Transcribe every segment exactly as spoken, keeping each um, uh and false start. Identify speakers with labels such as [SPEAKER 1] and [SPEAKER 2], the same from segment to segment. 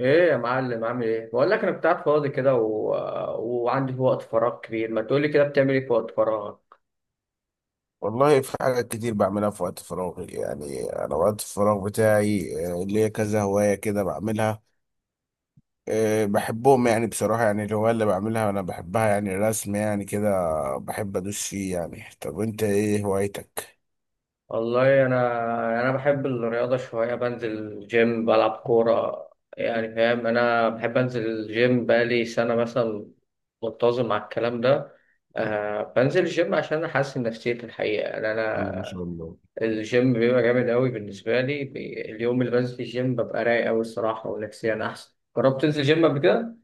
[SPEAKER 1] ايه يا معلم؟ عامل ايه؟ بقول لك انا كنت قاعد فاضي كده و... وعندي وقت فراغ كبير. ما تقولي كده، بتعمل ايه في وقت فراغك؟
[SPEAKER 2] والله في حاجات كتير بعملها في وقت فراغي، يعني أنا وقت الفراغ بتاعي آه، ليا كذا هواية كده بعملها. آه، بحبهم، يعني بصراحة يعني الهواية اللي بعملها أنا بحبها، يعني الرسم يعني كده بحب أدوس فيه. يعني طب أنت إيه هوايتك؟
[SPEAKER 1] والله انا انا بحب الرياضه شويه، بنزل جيم، بلعب كوره، يعني فاهم. انا بحب انزل الجيم بقالي سنه مثلا، منتظم على الكلام ده. آه بنزل الجيم عشان احسن نفسيتي الحقيقه. يعني
[SPEAKER 2] الله ما
[SPEAKER 1] انا
[SPEAKER 2] شاء الله.
[SPEAKER 1] الجيم بيبقى جامد قوي بالنسبه لي. بي... اليوم اللي بنزل الجيم ببقى رايق قوي الصراحه، ونفسيا احسن. جربت تنزل جيم قبل كده؟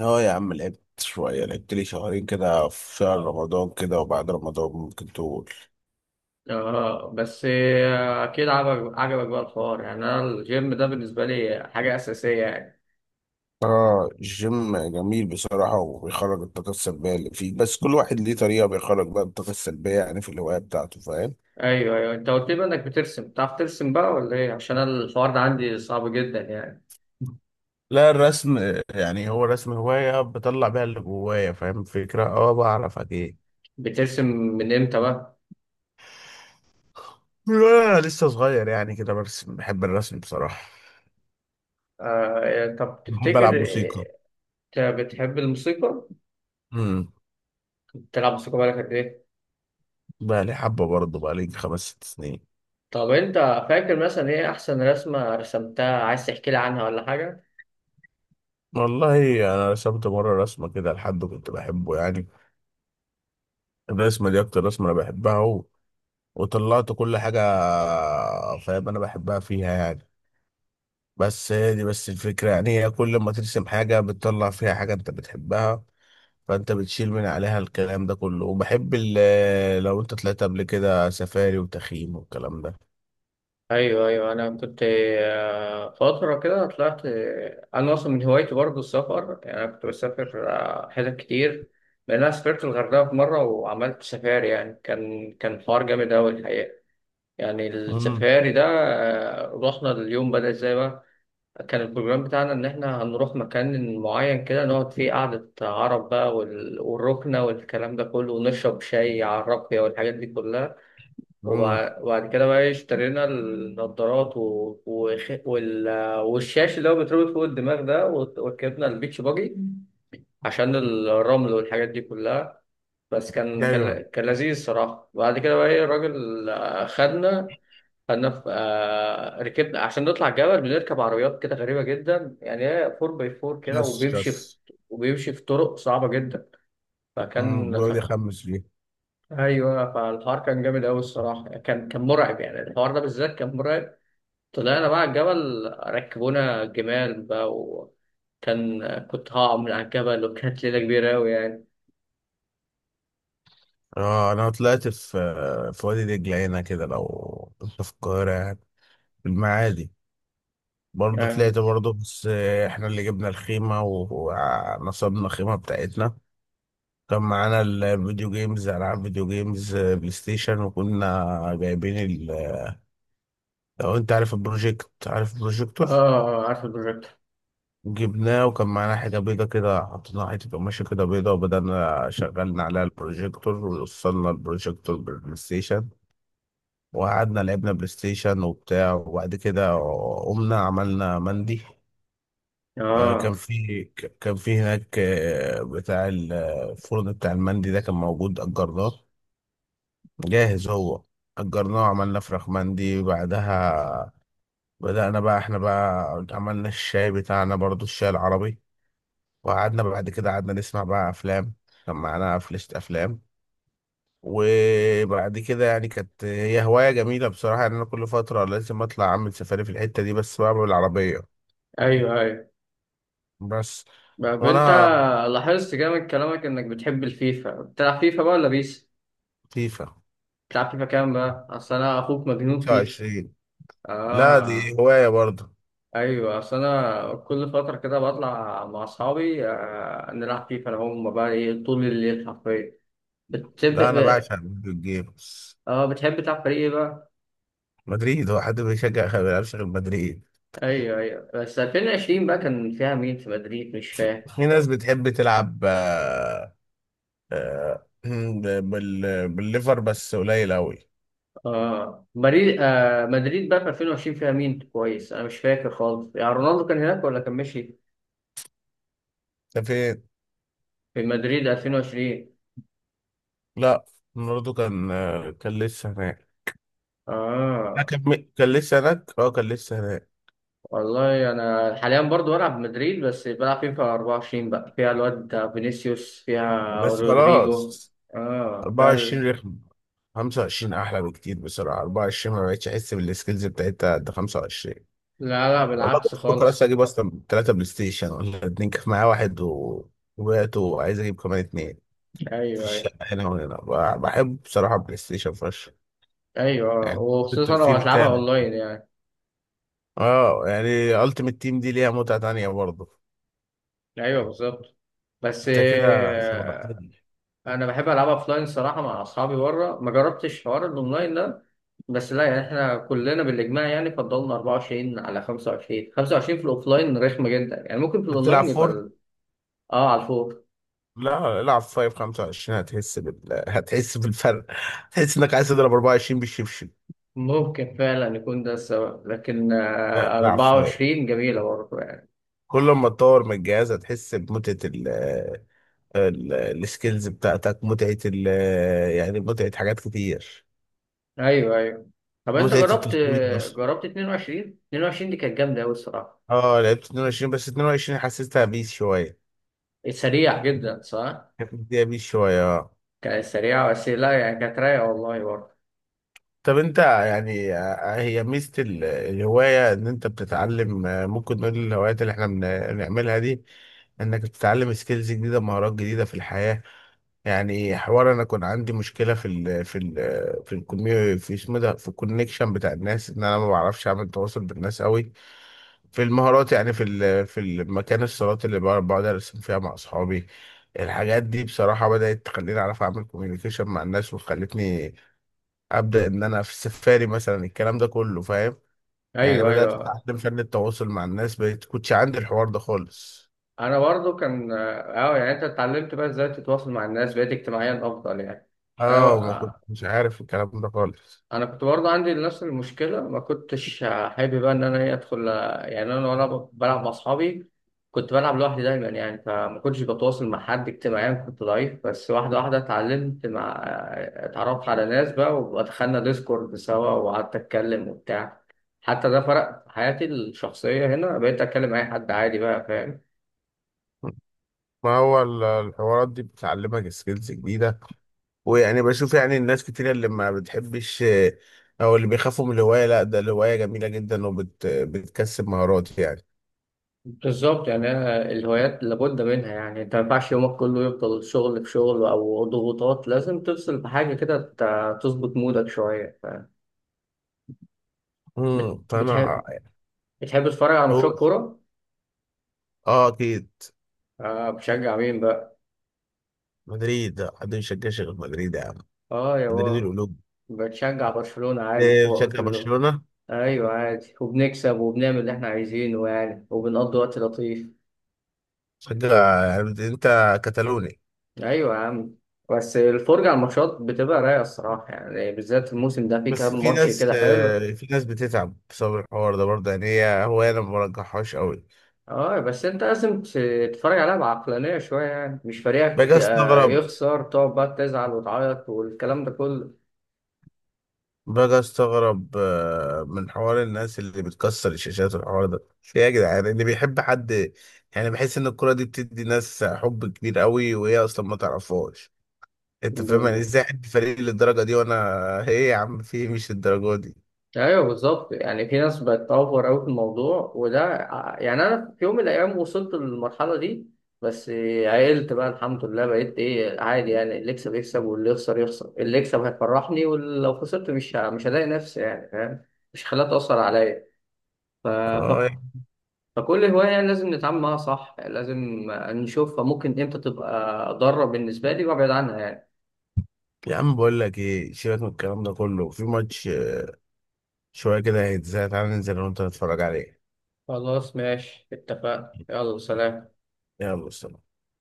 [SPEAKER 2] اه يا عم، لعبت شوية، لعبت لي شهرين كده في شهر رمضان كده، وبعد رمضان ممكن تقول.
[SPEAKER 1] اه بس آه، اكيد عجبك عجبك بقى الحوار. يعني انا الجيم ده بالنسبه لي حاجه اساسيه يعني.
[SPEAKER 2] اه الجيم جميل بصراحة، وبيخرج الطاقة السلبية اللي فيه، بس كل واحد ليه طريقة بيخرج بقى الطاقة السلبية يعني في الهواية بتاعته، فاهم.
[SPEAKER 1] ايوه ايوه، انت قلت لي بقى انك بترسم. بتعرف ترسم بقى ولا ايه؟ عشان أنا الحوار ده عندي صعب جدا يعني.
[SPEAKER 2] لا الرسم، يعني هو الرسم هواية بطلع بيها اللي جوايا، فاهم الفكرة، اه بعرف اجي.
[SPEAKER 1] بترسم من امتى بقى؟
[SPEAKER 2] لا، لسه صغير، يعني كده برسم، بحب الرسم بصراحة.
[SPEAKER 1] آه طب
[SPEAKER 2] بحب
[SPEAKER 1] تفتكر.
[SPEAKER 2] ألعب موسيقى.
[SPEAKER 1] آه، انت بتحب الموسيقى؟
[SPEAKER 2] امم.
[SPEAKER 1] بتلعب موسيقى بقالك قد ايه؟
[SPEAKER 2] بقى لي حبة، برضه بقى لي خمس ست سنين.
[SPEAKER 1] طب انت فاكر مثلا ايه احسن رسمه رسمتها؟ عايز تحكي لي عنها ولا حاجه؟
[SPEAKER 2] والله أنا رسمت مرة رسمة كده لحد كنت بحبه، يعني الرسمة دي أكتر رسمة أنا بحبها، و... وطلعت كل حاجة. فاهم أنا بحبها فيها يعني. بس هي دي بس الفكرة، يعني هي كل ما ترسم حاجة بتطلع فيها حاجة أنت بتحبها، فانت بتشيل من عليها الكلام ده كله. وبحب ال- لو انت طلعت قبل كده سفاري وتخييم والكلام ده.
[SPEAKER 1] ايوه ايوه انا كنت آه، فتره كده طلعت. آه، انا اصلا من هوايتي برضه السفر. يعني انا كنت بسافر آه، حتت كتير. لان انا سافرت الغردقه في مره وعملت سفاري. يعني كان كان حوار جامد قوي الحقيقه، يعني
[SPEAKER 2] امم.
[SPEAKER 1] السفاري ده. آه، رحنا، اليوم بدأ ازاي بقى؟ كان البروجرام بتاعنا ان احنا هنروح مكان معين كده نقعد فيه قعده عرب بقى، وال- والركنه والكلام ده كله، ونشرب شاي على الرقيه والحاجات دي كلها.
[SPEAKER 2] امم.
[SPEAKER 1] وبع- وبعد كده بقى اشترينا النضارات و... وخ... وال... والشاش اللي هو بيتربط فوق الدماغ ده، وت- وركبنا البيتش باجي عشان الرمل والحاجات دي كلها. بس كان
[SPEAKER 2] ايوه.
[SPEAKER 1] كان, كان لذيذ الصراحة. بعد كده بقى ايه، الراجل آه، خدنا. خدنا في آه، ركبنا عشان نطلع الجبل. بنركب عربيات كده غريبة جدا، يعني هي اربعة باي اربعة كده،
[SPEAKER 2] شس
[SPEAKER 1] وبيمشي
[SPEAKER 2] شس.
[SPEAKER 1] في... وبيمشي في طرق صعبة جدا.
[SPEAKER 2] امم،
[SPEAKER 1] فكان ف...
[SPEAKER 2] ويقعد يخمس فيه.
[SPEAKER 1] ايوه، فالحوار كان جامد قوي الصراحه. كان كان مرعب، يعني الحوار ده بالذات كان مرعب. طلعنا بقى على الجبل، ركبونا جمال بقى، وكان كنت هقع من على الجبل، وكانت ليلة كبيرة أوي يعني.
[SPEAKER 2] اه انا طلعت في في وادي دجله هنا كده، لو انت في القاهره يعني، في المعادي. برضه
[SPEAKER 1] يعني
[SPEAKER 2] طلعت برضه بس. احنا اللي جبنا الخيمه و- ونصبنا الخيمه بتاعتنا. كان معانا الفيديو جيمز، العاب فيديو جيمز، بلاي ستيشن، وكنا جايبين، لو انت عارف البروجيكت، عارف
[SPEAKER 1] آه،
[SPEAKER 2] البروجيكتور،
[SPEAKER 1] آه، عارف البروجيكت.
[SPEAKER 2] جبناه. وكان معانا حاجة بيضة كده، حطينا حتة قماشة كده بيضة، وبدأنا شغلنا عليها البروجيكتور، ووصلنا البروجيكتور بالبلاي ستيشن. وقعدنا لعبنا بلاي ستيشن وبتاع. وبعد كده قمنا عملنا مندي. آه، كان
[SPEAKER 1] آه
[SPEAKER 2] في ك- كان في هناك، آه، بتاع ال- آه، الفرن بتاع المندي ده، كان موجود أجرناه، جاهز هو. أجرناه وعملنا فراخ مندي بعدها. بدأنا بقى احنا بقى عملنا الشاي بتاعنا برضو، الشاي العربي. وقعدنا بعد كده قعدنا نسمع بقى أفلام، كان معانا فلاشة أفلام. وبعد كده يعني كانت هي هواية جميلة بصراحة، يعني أنا كل فترة لازم أطلع أعمل سفاري في الحتة دي بس بقى بالعربية.
[SPEAKER 1] أيوه أيوه.
[SPEAKER 2] بس
[SPEAKER 1] طب أنت
[SPEAKER 2] وأنا
[SPEAKER 1] لاحظت كده من كلامك إنك بتحب الفيفا. بتلعب فيفا بقى ولا بيس؟
[SPEAKER 2] لطيفة.
[SPEAKER 1] بتلعب فيفا كام بقى؟ أصل أنا أخوك مجنون فيفا.
[SPEAKER 2] خمسة وعشرين. لا دي
[SPEAKER 1] آه
[SPEAKER 2] هواية برضه.
[SPEAKER 1] أيوه، أصل أنا كل فترة كده بطلع مع أصحابي آه نلعب فيفا، أنا هم بقى إيه، طول الليل حرفيا. بتحب
[SPEAKER 2] لا أنا بعشق فيديو جيمز.
[SPEAKER 1] اه بتحب تلعب فريق إيه بقى؟
[SPEAKER 2] مدريد، هو حد بيشجع ما بيلعبش غير مدريد.
[SPEAKER 1] ايوه ايوه، بس الفين وعشرين بقى كان فيها مين في مدريد؟ مش فاهم.
[SPEAKER 2] في ناس بتحب تلعب آه، آه، بال... بالليفر بس قليل قوي.
[SPEAKER 1] اه مدريد، آه مدريد بقى في الفين وعشرين فيها مين؟ كويس، انا مش فاكر خالص، يعني رونالدو كان هناك ولا كان مشي
[SPEAKER 2] ده فين؟
[SPEAKER 1] في مدريد الفين وعشرين؟
[SPEAKER 2] لا برضه كان، آه، كان لسه هناك. لا،
[SPEAKER 1] اه
[SPEAKER 2] كان م- كان لسه هناك، اه كان لسه هناك.
[SPEAKER 1] والله انا حاليا برضو بلعب مدريد، بس بلعب فيفا اربعة وعشرين بقى، فيها الواد فينيسيوس، فيها
[SPEAKER 2] بس
[SPEAKER 1] رودريجو.
[SPEAKER 2] خلاص.
[SPEAKER 1] اه فال
[SPEAKER 2] أربعة وعشرين رخم، خمسة وعشرين احلى بكتير بسرعه، أربعة وعشرون ما بقتش احس بالسكيلز بتاعتها قد خمسة وعشرين.
[SPEAKER 1] لا لا،
[SPEAKER 2] والله كنت
[SPEAKER 1] بالعكس
[SPEAKER 2] بفكر اصلا
[SPEAKER 1] خالص.
[SPEAKER 2] اجيب اصلا ثلاثه بلاي ستيشن ولا اتنين، كان معايا واحد و- وبعته، وعايز اجيب كمان اتنين في
[SPEAKER 1] ايوه ايوه.
[SPEAKER 2] الشقه هنا وهنا. ب- بحب بصراحه بلاي ستيشن فشخ،
[SPEAKER 1] ايوه،
[SPEAKER 2] يعني
[SPEAKER 1] وخصوصا لو
[SPEAKER 2] الترفيه
[SPEAKER 1] هتلعبها
[SPEAKER 2] بتاعي.
[SPEAKER 1] اونلاين يعني.
[SPEAKER 2] اه يعني التيمت تيم دي ليها متعة تانية برضه.
[SPEAKER 1] ايوه بالظبط. بس
[SPEAKER 2] انت كده شبهتني.
[SPEAKER 1] انا بحب العبها اوفلاين صراحه مع اصحابي بره، ما جربتش حوار الاونلاين ده. بس لا، يعني احنا كلنا بالاجماع يعني فضلنا اربعة وعشرين على خمسة وعشرين. خمسة وعشرين في الاوفلاين رخمه جدا يعني، ممكن في
[SPEAKER 2] بتلعب
[SPEAKER 1] الاونلاين يبقى
[SPEAKER 2] فور؟
[SPEAKER 1] ال- اه على الفوق.
[SPEAKER 2] لا العب فايف خمسة وعشرين، هتحس بال... هتحس بالفرق، هتحس انك عايز تضرب أربعة وعشرين بالشبشب.
[SPEAKER 1] ممكن فعلا يكون ده السبب، لكن
[SPEAKER 2] لا،
[SPEAKER 1] آه
[SPEAKER 2] العب فايف،
[SPEAKER 1] اربعة وعشرين جميله برضه يعني.
[SPEAKER 2] كل ما تطور من الجهاز هتحس بمتعة ال... ال... السكيلز بتاعتك، متعة ال... يعني متعة حاجات كتير،
[SPEAKER 1] ايوه ايوه. طب انت
[SPEAKER 2] متعة
[SPEAKER 1] جربت،
[SPEAKER 2] التفويض بس.
[SPEAKER 1] جربت اتنين وعشرين؟ اتنين وعشرين دي كانت جامده قوي الصراحه.
[SPEAKER 2] اه لعبت اتنين وعشرين، بس اتنين وعشرين حسيتها بيس شوية،
[SPEAKER 1] سريع جدا صح.
[SPEAKER 2] كانت مديها بيس شوية آه.
[SPEAKER 1] كانت سريعه، بس لا يعني كانت رايقه والله برضه.
[SPEAKER 2] طب انت يعني، آه، هي ميزة ال- الهواية ان انت بتتعلم، آه، ممكن نقول الهوايات اللي احنا بن- بنعملها دي، انك بتتعلم سكيلز جديدة، مهارات جديدة في الحياة. يعني حوار انا كان عندي مشكلة في ال في ال في الكميو في اسمه ده في الكونكشن بتاع الناس، ان انا ما بعرفش اعمل تواصل بالناس قوي، في المهارات. يعني في ال في المكان، الصالات اللي بقعد بقعد ارسم فيها مع اصحابي، الحاجات دي بصراحة بدأت تخليني أعرف أعمل كوميونيكيشن مع الناس، وخلتني ابدا ان انا في السفاري مثلا، الكلام ده كله فاهم. يعني
[SPEAKER 1] ايوه
[SPEAKER 2] بدات
[SPEAKER 1] ايوه.
[SPEAKER 2] اتعلم فن التواصل مع الناس، بقيت كنتش عندي الحوار ده خالص.
[SPEAKER 1] انا برضو كان اه، يعني انت اتعلمت بقى ازاي تتواصل مع الناس، بقيت اجتماعيا افضل يعني؟ انا
[SPEAKER 2] اه ما
[SPEAKER 1] بقى،
[SPEAKER 2] كنتش عارف الكلام ده خالص.
[SPEAKER 1] انا كنت برضو عندي نفس المشكله. ما كنتش آه، حابب بقى ان انا ايه ادخل آه، يعني. انا وانا بلعب مع اصحابي كنت بلعب لوحدي دايما يعني، فما كنتش بتواصل مع حد، اجتماعيا كنت ضعيف. بس واحده واحده اتعلمت، مع آه، اتعرفت على ناس بقى ودخلنا ديسكورد سوا وقعدت اتكلم وبتاع. حتى ده فرق في حياتي الشخصيه هنا، بقيت اتكلم مع اي حد عادي بقى، فاهم.
[SPEAKER 2] ما هو ال- الحوارات دي بتعلمك سكيلز جديدة، ويعني بشوف يعني الناس كتير اللي ما بتحبش آه، أو اللي بيخافوا من الهواية. لا ده الهواية جميلة جدا، وبت بتكسب مهارات يعني.
[SPEAKER 1] بالظبط، يعني أنا الهوايات لابد منها. يعني انت ما ينفعش يومك كله يفضل شغل في شغل او ضغوطات، لازم تفصل بحاجه كده ت- تظبط مودك شويه. ف- بت-
[SPEAKER 2] امم فأنا
[SPEAKER 1] بتحب بتحب تتفرج على ماتشات
[SPEAKER 2] أقول
[SPEAKER 1] كوره؟
[SPEAKER 2] أه أكيد.
[SPEAKER 1] اه بتشجع مين بقى؟
[SPEAKER 2] مدريد، حد مش شجعش غير مدريد يا عم،
[SPEAKER 1] اه يا
[SPEAKER 2] مدريد
[SPEAKER 1] بابا.
[SPEAKER 2] القلوب.
[SPEAKER 1] بتشجع برشلونه عادي،
[SPEAKER 2] آه،
[SPEAKER 1] فوق في
[SPEAKER 2] بشجع
[SPEAKER 1] اللون.
[SPEAKER 2] برشلونة؟
[SPEAKER 1] ايوه عادي، وبنكسب وبنعمل اللي احنا عايزينه يعني، وبنقضي وقت لطيف.
[SPEAKER 2] صدق، يعني انت كتالوني.
[SPEAKER 1] ايوه يا عم. بس الفرجه على الماتشات بتبقى رايقه الصراحه، يعني بالذات الموسم ده في
[SPEAKER 2] بس
[SPEAKER 1] كام
[SPEAKER 2] في
[SPEAKER 1] ماتش
[SPEAKER 2] ناس،
[SPEAKER 1] كده حلو.
[SPEAKER 2] آه، في ناس بتتعب بسبب الحوار ده برضه، يعني هي هو انا ما برجحهاش قوي.
[SPEAKER 1] اه بس انت لازم ت- تتفرج عليها بعقلانية شوية، يعني مش فريقك
[SPEAKER 2] باجي
[SPEAKER 1] آه،
[SPEAKER 2] استغرب
[SPEAKER 1] يخسر تقعد بقى تزعل وتعيط والكلام ده كله.
[SPEAKER 2] باجي استغرب، آه، من حوار الناس اللي بتكسر الشاشات والحوار ده، في ايه يا جدعان اللي بيحب حد. يعني بحس ان الكرة دي بتدي ناس حب كبير قوي وهي اصلا ما تعرفهاش، انت
[SPEAKER 1] ب...
[SPEAKER 2] فاهم، يعني ازاي حد فريق للدرجة دي. وانا ايه يا عم في إيه؟ مش الدرجة دي.
[SPEAKER 1] ايوه بالظبط، يعني في ناس بقت اوفر اوي في الموضوع، وده ع- يعني انا في يوم من الايام وصلت للمرحلة دي. بس آه، عقلت بقى الحمد لله، بقيت ايه عادي يعني، اللي يكسب يكسب واللي يخسر يخسر. اللي يكسب هيفرحني، ولو خسرت مش ه- مش هضايق نفسي يعني، فاهم، مش هخليها تأثر عليا. ف...
[SPEAKER 2] اه
[SPEAKER 1] فكل هواية لازم نتعامل معاها صح، لازم نشوفها ممكن امتى تبقى ضارة بالنسبة لي وابعد عنها يعني.
[SPEAKER 2] يا عم بقول لك ايه، سيبك من الكلام ده كله، في ماتش شوية كده هيتزاي، تعالى ننزل أنا وأنت نتفرج عليه.
[SPEAKER 1] خلاص ماشي، اتفقنا، يلا سلام.
[SPEAKER 2] يلا سلام.